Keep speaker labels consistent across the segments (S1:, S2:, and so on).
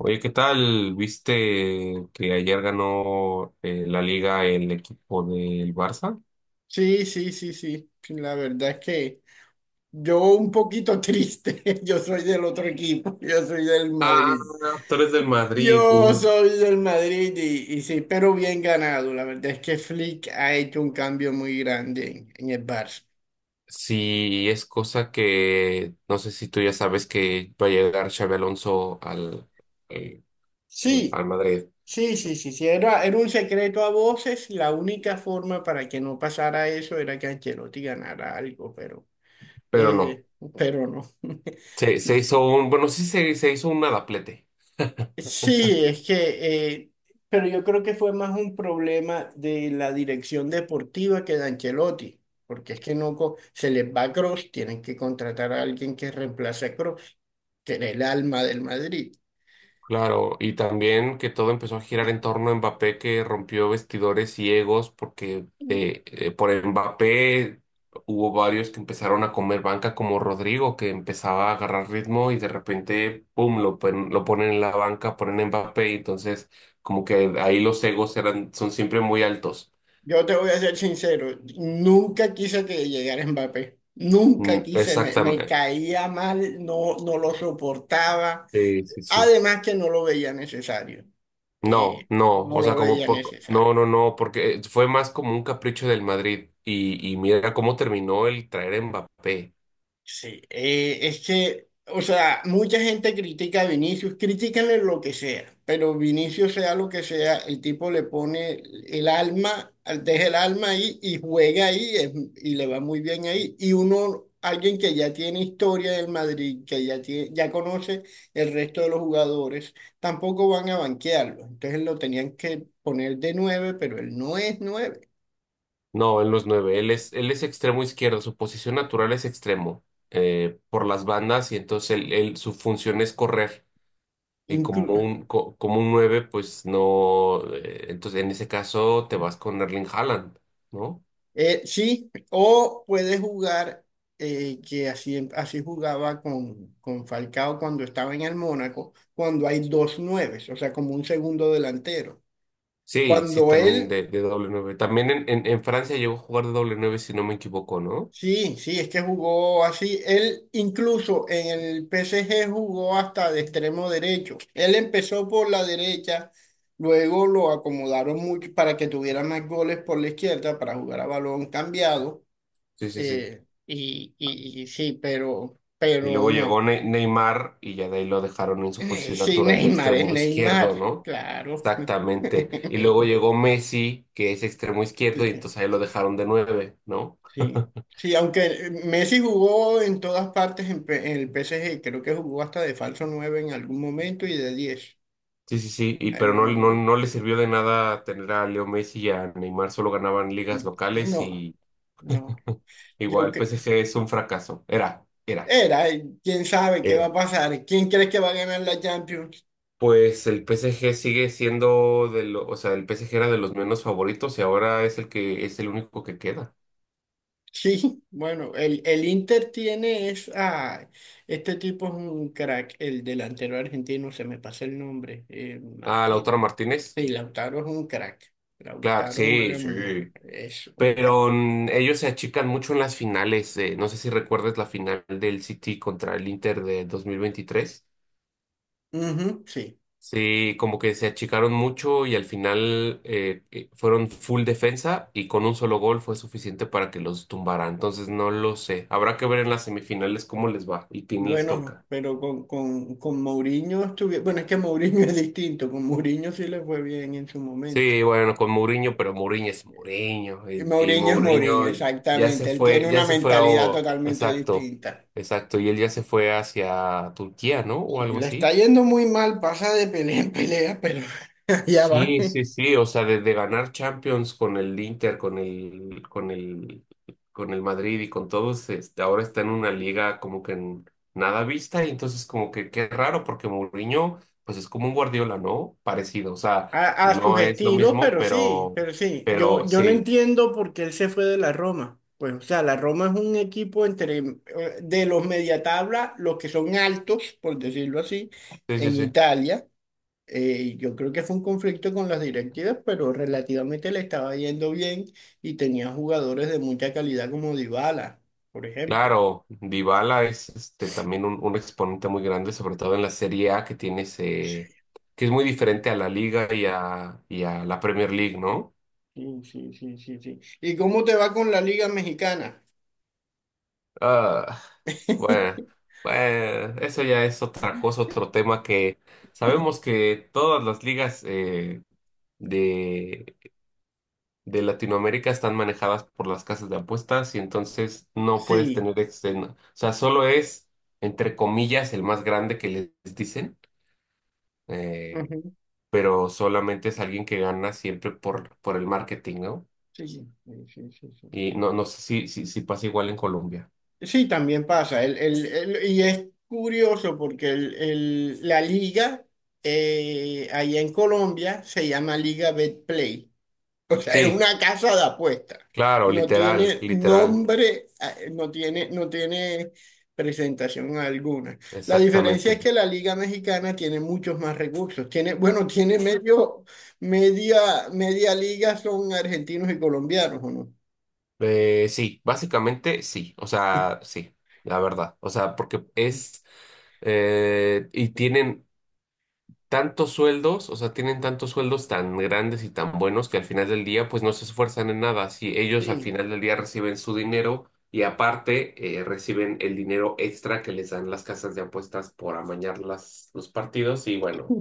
S1: Oye, ¿qué tal? ¿Viste que ayer ganó la liga el equipo del Barça?
S2: Sí, sí, sí, sí. La verdad es que yo un poquito triste. Yo soy del otro equipo. Yo soy del
S1: Ah,
S2: Madrid.
S1: tú eres del Madrid.
S2: Yo soy del Madrid y sí, pero bien ganado. La verdad es que Flick ha hecho un cambio muy grande en el Barça.
S1: Sí, es cosa que no sé si tú ya sabes que va a llegar Xabi Alonso al, eh, al,
S2: Sí,
S1: al Madrid,
S2: sí, sí, sí, sí. Era un secreto a voces. La única forma para que no pasara eso era que Ancelotti ganara algo,
S1: pero no.
S2: eh, pero no.
S1: Se hizo un, bueno, sí se hizo un adaplete.
S2: Sí, es que, eh, pero yo creo que fue más un problema de la dirección deportiva que de Ancelotti, porque es que no co- se les va Kroos, tienen que contratar a alguien que reemplace a Kroos, que era el alma del Madrid.
S1: Claro, y también que todo empezó a girar en torno a Mbappé, que rompió vestidores ciegos, porque por Mbappé hubo varios que empezaron a comer banca, como Rodrigo, que empezaba a agarrar ritmo y de repente, pum, lo, lo ponen en la banca, ponen a Mbappé, y entonces como que ahí los egos eran, son siempre muy altos.
S2: Yo te voy a ser sincero, nunca quise que llegara Mbappé, nunca
S1: Mm,
S2: quise, me
S1: exactamente.
S2: caía mal, no lo soportaba,
S1: Sí, sí, sí.
S2: además que no lo veía necesario,
S1: No, no,
S2: no
S1: o
S2: lo
S1: sea, como
S2: veía
S1: poco. No,
S2: necesario.
S1: no, no, porque fue más como un capricho del Madrid. Y mira cómo terminó el traer a Mbappé.
S2: Sí, es que, o sea, mucha gente critica a Vinicius, critícanle lo que sea, pero Vinicius sea lo que sea, el tipo le pone el alma, deja el alma ahí y y le va muy bien ahí. Y uno, alguien que ya tiene historia del Madrid, que ya tiene, ya conoce el resto de los jugadores, tampoco van a banquearlo. Entonces lo tenían que poner de nueve, pero él no es nueve.
S1: No, en los nueve. Él es extremo izquierdo, su posición natural es extremo por las bandas y entonces él, su función es correr. Y como un, como un nueve, pues no. Entonces en ese caso te vas con Erling Haaland, ¿no?
S2: Sí, o puede jugar, que así, así jugaba con Falcao cuando estaba en el Mónaco, cuando hay dos nueves, o sea, como un segundo delantero.
S1: Sí, sí,
S2: Cuando
S1: también
S2: él,
S1: de doble nueve. También en, en Francia llegó a jugar de doble nueve, si no me equivoco, ¿no?
S2: sí, sí, es que jugó así, él incluso en el PSG jugó hasta de extremo derecho. Él empezó por la derecha, luego lo acomodaron mucho para que tuviera más goles por la izquierda para jugar a balón cambiado.
S1: Sí, sí, sí.
S2: Y sí,
S1: Y
S2: pero
S1: luego llegó
S2: no.
S1: Neymar y ya de ahí lo dejaron en su posición
S2: Sí,
S1: natural de
S2: Neymar es
S1: extremo
S2: Neymar,
S1: izquierdo, ¿no?
S2: claro.
S1: Exactamente. Y luego llegó Messi, que es extremo izquierdo, y
S2: Sí,
S1: entonces ahí lo dejaron de nueve, ¿no?
S2: sí. Sí, aunque Messi jugó en todas partes en el PSG, creo que jugó hasta de falso 9 en algún momento y de diez.
S1: Sí, sí, sí. Y
S2: Él
S1: pero
S2: lo
S1: no, no,
S2: movió.
S1: no le sirvió de nada tener a Leo Messi y a Neymar, solo ganaban ligas locales
S2: No,
S1: y
S2: no.
S1: igual
S2: Yo
S1: el
S2: que
S1: PSG es un fracaso. Era, era,
S2: era, quién sabe qué va
S1: era.
S2: a pasar. ¿Quién crees que va a ganar la Champions?
S1: Pues el PSG sigue siendo de lo, o sea, el PSG era de los menos favoritos y ahora es el que es el único que queda.
S2: Sí, bueno, el Inter tiene es, ah, este tipo es un crack, el delantero argentino, se me pasa el nombre,
S1: Ah, Lautaro
S2: Martín.
S1: Martínez.
S2: Y Lautaro es un crack.
S1: Claro,
S2: Lautaro
S1: sí,
S2: juega
S1: sí.
S2: muy bien, es un crack.
S1: Pero mm, ellos se achican mucho en las finales. No sé si recuerdas la final del City contra el Inter de 2023.
S2: Ujú, sí.
S1: Sí, como que se achicaron mucho y al final fueron full defensa y con un solo gol fue suficiente para que los tumbara. Entonces no lo sé. Habrá que ver en las semifinales cómo les va y quién les
S2: Bueno,
S1: toca.
S2: pero con Mourinho estuve, bueno, es que Mourinho es distinto, con Mourinho sí le fue bien en su momento.
S1: Sí, bueno, con Mourinho, pero Mourinho es Mourinho.
S2: Y
S1: Y
S2: Mourinho es Mourinho,
S1: Mourinho
S2: exactamente, él tiene
S1: ya
S2: una
S1: se fue a...
S2: mentalidad
S1: o-
S2: totalmente
S1: Exacto,
S2: distinta.
S1: exacto. Y él ya se fue hacia Turquía, ¿no? O
S2: Sí,
S1: algo
S2: le está
S1: así.
S2: yendo muy mal, pasa de pelea en pelea, pero ya va.
S1: Sí, sí, sí. O sea, desde ganar Champions con el Inter, con el Madrid y con todos, este, ahora está en una liga como que en nada vista. Y entonces como que qué raro, porque Mourinho, pues es como un Guardiola, ¿no? Parecido. O sea,
S2: A sus
S1: no es lo
S2: estilos,
S1: mismo,
S2: pero sí, pero sí. Yo,
S1: pero
S2: yo no
S1: sí.
S2: entiendo por qué él se fue de la Roma. Pues, o sea, la Roma es un equipo entre de los media tabla, los que son altos, por decirlo así,
S1: Sí, sí,
S2: en
S1: sí.
S2: Italia. Yo creo que fue un conflicto con las directivas, pero relativamente le estaba yendo bien y tenía jugadores de mucha calidad como Dybala, por ejemplo.
S1: Claro, Dybala es este, también un exponente muy grande, sobre todo en la Serie A que tiene ese, que es muy diferente a la Liga y a la Premier League, ¿no?
S2: Sí, sí, sí, sí, sí. ¿Y cómo te va con la Liga Mexicana?
S1: Ah, bueno, bueno, eso ya es otra cosa, otro tema que sabemos que todas las ligas de, de Latinoamérica están manejadas por las casas de apuestas y entonces no puedes
S2: Sí.
S1: tener, este, no- o sea, solo es, entre comillas, el más grande que les dicen eh, pero solamente es alguien que gana siempre por el marketing, ¿no?
S2: Sí, sí, sí, sí, sí.
S1: Y no, no sé si, si, si pasa igual en Colombia.
S2: Sí, también pasa. Y es curioso porque la liga allá en Colombia se llama Liga Betplay. O sea, es
S1: Sí,
S2: una casa de apuestas.
S1: claro,
S2: No
S1: literal,
S2: tiene
S1: literal,
S2: nombre, no tiene presentación alguna. La diferencia es
S1: exactamente.
S2: que la Liga Mexicana tiene muchos más recursos. Tiene, bueno, media liga son argentinos y colombianos, ¿o no?
S1: Sí, básicamente sí, o sea, sí, la verdad, o sea, porque es, y tienen tantos sueldos, o sea, tienen tantos sueldos tan grandes y tan buenos que al final del día, pues no se esfuerzan en nada. Si ellos al
S2: Sí.
S1: final del día reciben su dinero y aparte reciben el dinero extra que les dan las casas de apuestas por amañar las, los partidos y bueno,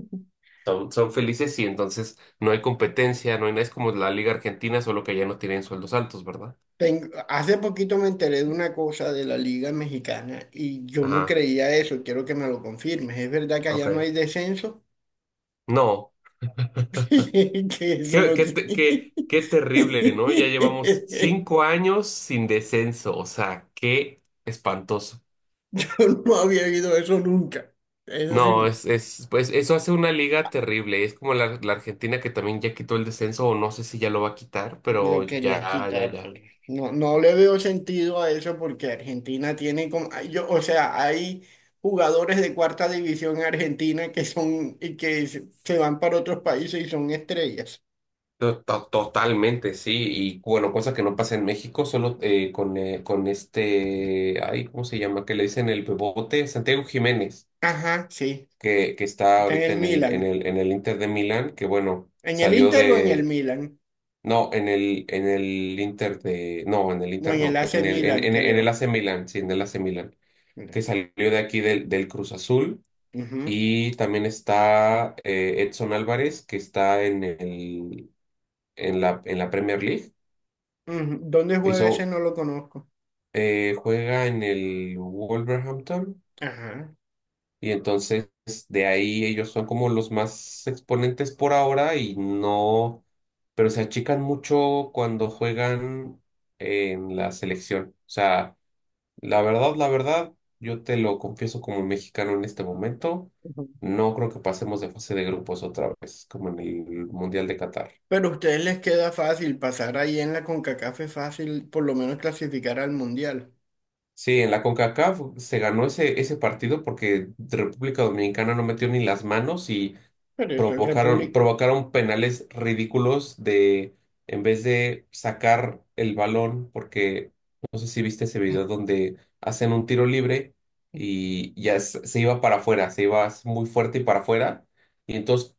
S1: son, son felices y entonces no hay competencia, no hay nada. Es como la Liga Argentina, solo que ya no tienen sueldos altos, ¿verdad?
S2: Hace poquito me enteré de una cosa de la Liga Mexicana y yo no
S1: Ajá,
S2: creía eso, quiero que me lo confirmes. ¿Es verdad que allá no
S1: ok.
S2: hay descenso?
S1: No.
S2: Que eso
S1: Qué,
S2: no
S1: qué, te-
S2: tiene...
S1: qué, qué terrible, ¿no? Ya llevamos 5 años sin descenso, o sea, qué espantoso.
S2: Yo no había oído eso nunca. Eso sí,
S1: No, es, pues eso hace una liga terrible. Es como la, la Argentina que también ya quitó el descenso, o no sé si ya lo va a quitar,
S2: me
S1: pero
S2: lo querían
S1: ya, ya,
S2: quitar.
S1: ya.
S2: Pero no, no le veo sentido a eso porque Argentina tiene como... ay, yo, o sea, hay jugadores de cuarta división en Argentina que son... y que se van para otros países y son estrellas.
S1: To- to- Totalmente, sí. Y bueno, cosa que no pasa en México, solo con este, ay, ¿cómo se llama? Que le dicen el bebote, Santiago Jiménez,
S2: Ajá, sí.
S1: que está
S2: Está en
S1: ahorita
S2: el
S1: en el, en
S2: Milan.
S1: el, en el Inter de Milán, que bueno,
S2: ¿En el
S1: salió
S2: Inter o en el
S1: de
S2: Milan?
S1: No, en el Inter de. No, en el
S2: No,
S1: Inter
S2: en el
S1: no.
S2: AC Milan,
S1: En el
S2: creo.
S1: AC Milan, sí, en el AC Milan. Que
S2: Milan.
S1: salió de aquí del, del Cruz Azul.
S2: Ujú,
S1: Y también está Edson Álvarez, que está en el, en la Premier League.
S2: ujú. ¿Dónde juega ese?
S1: Hizo,
S2: No lo conozco.
S1: juega en el Wolverhampton.
S2: Ajá.
S1: Y entonces de ahí ellos son como los más exponentes por ahora y no, pero se achican mucho cuando juegan en la selección. O sea, la verdad, yo te lo confieso como mexicano en este momento,
S2: Ujú.
S1: no creo que pasemos de fase de grupos otra vez, como en el Mundial de Qatar.
S2: Pero a ustedes les queda fácil pasar ahí en la CONCACAF, es fácil, por lo menos clasificar al Mundial.
S1: Sí, en la CONCACAF se ganó ese, ese partido porque República Dominicana no metió ni las manos y
S2: Pero eso es
S1: provocaron,
S2: República.
S1: provocaron penales ridículos de, en vez de sacar el balón, porque no sé si viste ese video donde hacen un tiro libre y ya se iba para afuera, se iba muy fuerte y para afuera, y entonces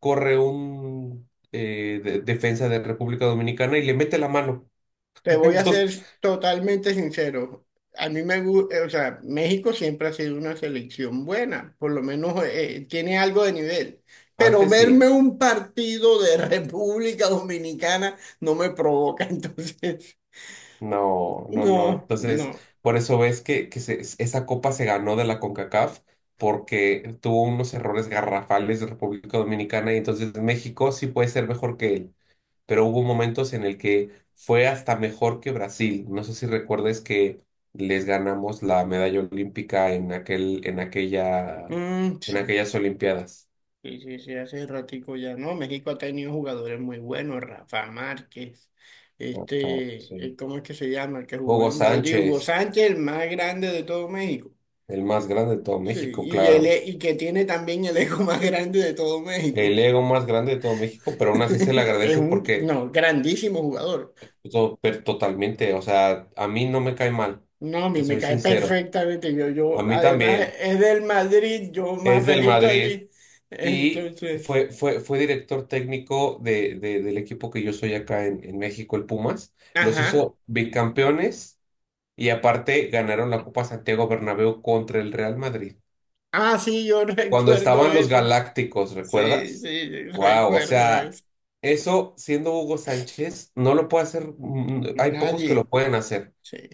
S1: corre un defensa de República Dominicana y le mete la mano.
S2: Te voy a
S1: Entonces,
S2: ser totalmente sincero. A mí me gusta, o sea, México siempre ha sido una selección buena, por lo menos tiene algo de nivel. Pero
S1: antes sí.
S2: verme un partido de República Dominicana no me provoca, entonces,
S1: No, no, no.
S2: no,
S1: Entonces,
S2: no.
S1: por eso ves que se- esa copa se ganó de la CONCACAF porque tuvo unos errores garrafales de República Dominicana y entonces México sí puede ser mejor que él, pero hubo momentos en el que fue hasta mejor que Brasil. No sé si recuerdes que les ganamos la medalla olímpica en aquel, en aquella,
S2: Mm,
S1: en
S2: sí,
S1: aquellas Olimpiadas.
S2: sí, sí, sí, hace ratico ya, ¿no? México ha tenido jugadores muy buenos, Rafa Márquez,
S1: Ah, cabrón,
S2: este,
S1: sí.
S2: ¿cómo es que se llama? El que jugó
S1: Hugo
S2: en Madrid, Hugo
S1: Sánchez,
S2: Sánchez, el más grande de todo México.
S1: el más grande de todo
S2: Sí,
S1: México, claro.
S2: y que tiene también el ego más grande de todo
S1: El
S2: México.
S1: ego más grande de todo México, pero aún así se le
S2: Es
S1: agradece
S2: un,
S1: porque
S2: no, Grandísimo jugador.
S1: pues, to- per- totalmente, o sea, a mí no me cae mal,
S2: No, a mí
S1: te
S2: me
S1: soy
S2: cae
S1: sincero,
S2: perfectamente. Yo,
S1: a
S2: yo,
S1: mí
S2: además
S1: también,
S2: es del Madrid, yo más
S1: es del
S2: feliz
S1: Madrid
S2: todavía.
S1: y
S2: Entonces,
S1: fue director técnico de, del equipo que yo soy acá en México, el Pumas, los
S2: ajá.
S1: hizo bicampeones y aparte ganaron la Copa Santiago Bernabéu contra el Real Madrid.
S2: Ah, sí, yo
S1: Cuando
S2: recuerdo
S1: estaban los
S2: eso.
S1: Galácticos,
S2: Sí,
S1: ¿recuerdas?
S2: sí,
S1: Wow, o
S2: recuerdo
S1: sea,
S2: eso.
S1: eso siendo Hugo Sánchez, no lo puede hacer, mm, hay pocos que lo
S2: Nadie.
S1: pueden hacer.
S2: Sí,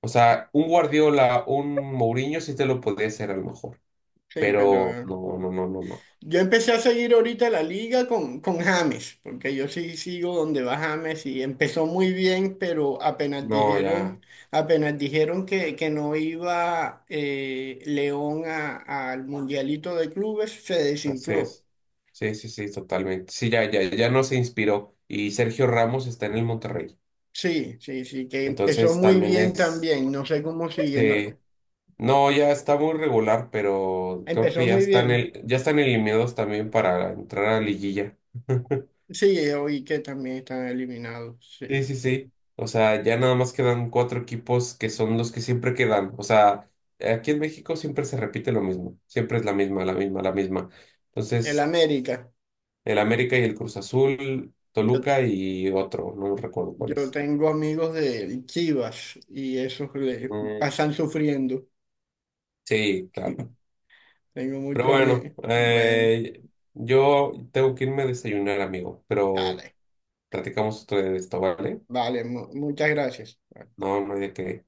S1: O sea, un Guardiola, un Mourinho sí te lo podría hacer a lo mejor,
S2: sí,
S1: pero
S2: pero
S1: no, no, no, no, no.
S2: yo empecé a seguir ahorita la liga con James, porque yo sí sigo donde va James y empezó muy bien,
S1: No, ya,
S2: apenas dijeron que no iba León al Mundialito de Clubes, se
S1: así
S2: desinfló.
S1: es. Sí, sí, sí, totalmente. Sí, ya, ya, ya no se inspiró. Y Sergio Ramos está en el Monterrey.
S2: Sí, sí, sí, que empezó
S1: Entonces
S2: muy
S1: también
S2: bien
S1: es,
S2: también, no sé cómo siguiendo.
S1: sí, no, ya está muy regular, pero creo que
S2: Empezó
S1: ya
S2: muy
S1: están
S2: bien.
S1: el, ya están eliminados también para entrar a liguilla.
S2: Sí, oí que también están eliminados, sí.
S1: Sí, sí, sí. O sea, ya nada más quedan cuatro equipos que son los que siempre quedan. O sea, aquí en México siempre se repite lo mismo. Siempre es la misma, la misma, la misma.
S2: El
S1: Entonces,
S2: América.
S1: el América y el Cruz Azul,
S2: Yo
S1: Toluca y otro, no recuerdo cuál
S2: yo
S1: es.
S2: tengo amigos de Chivas y esos le
S1: Mm,
S2: pasan sufriendo.
S1: sí, claro.
S2: Tengo
S1: Pero
S2: muchos
S1: bueno,
S2: amigos. Bueno,
S1: yo tengo que irme a desayunar, amigo. Pero
S2: dale.
S1: platicamos otro de esto, ¿vale?
S2: Vale, muchas gracias.
S1: No, no hay de qué.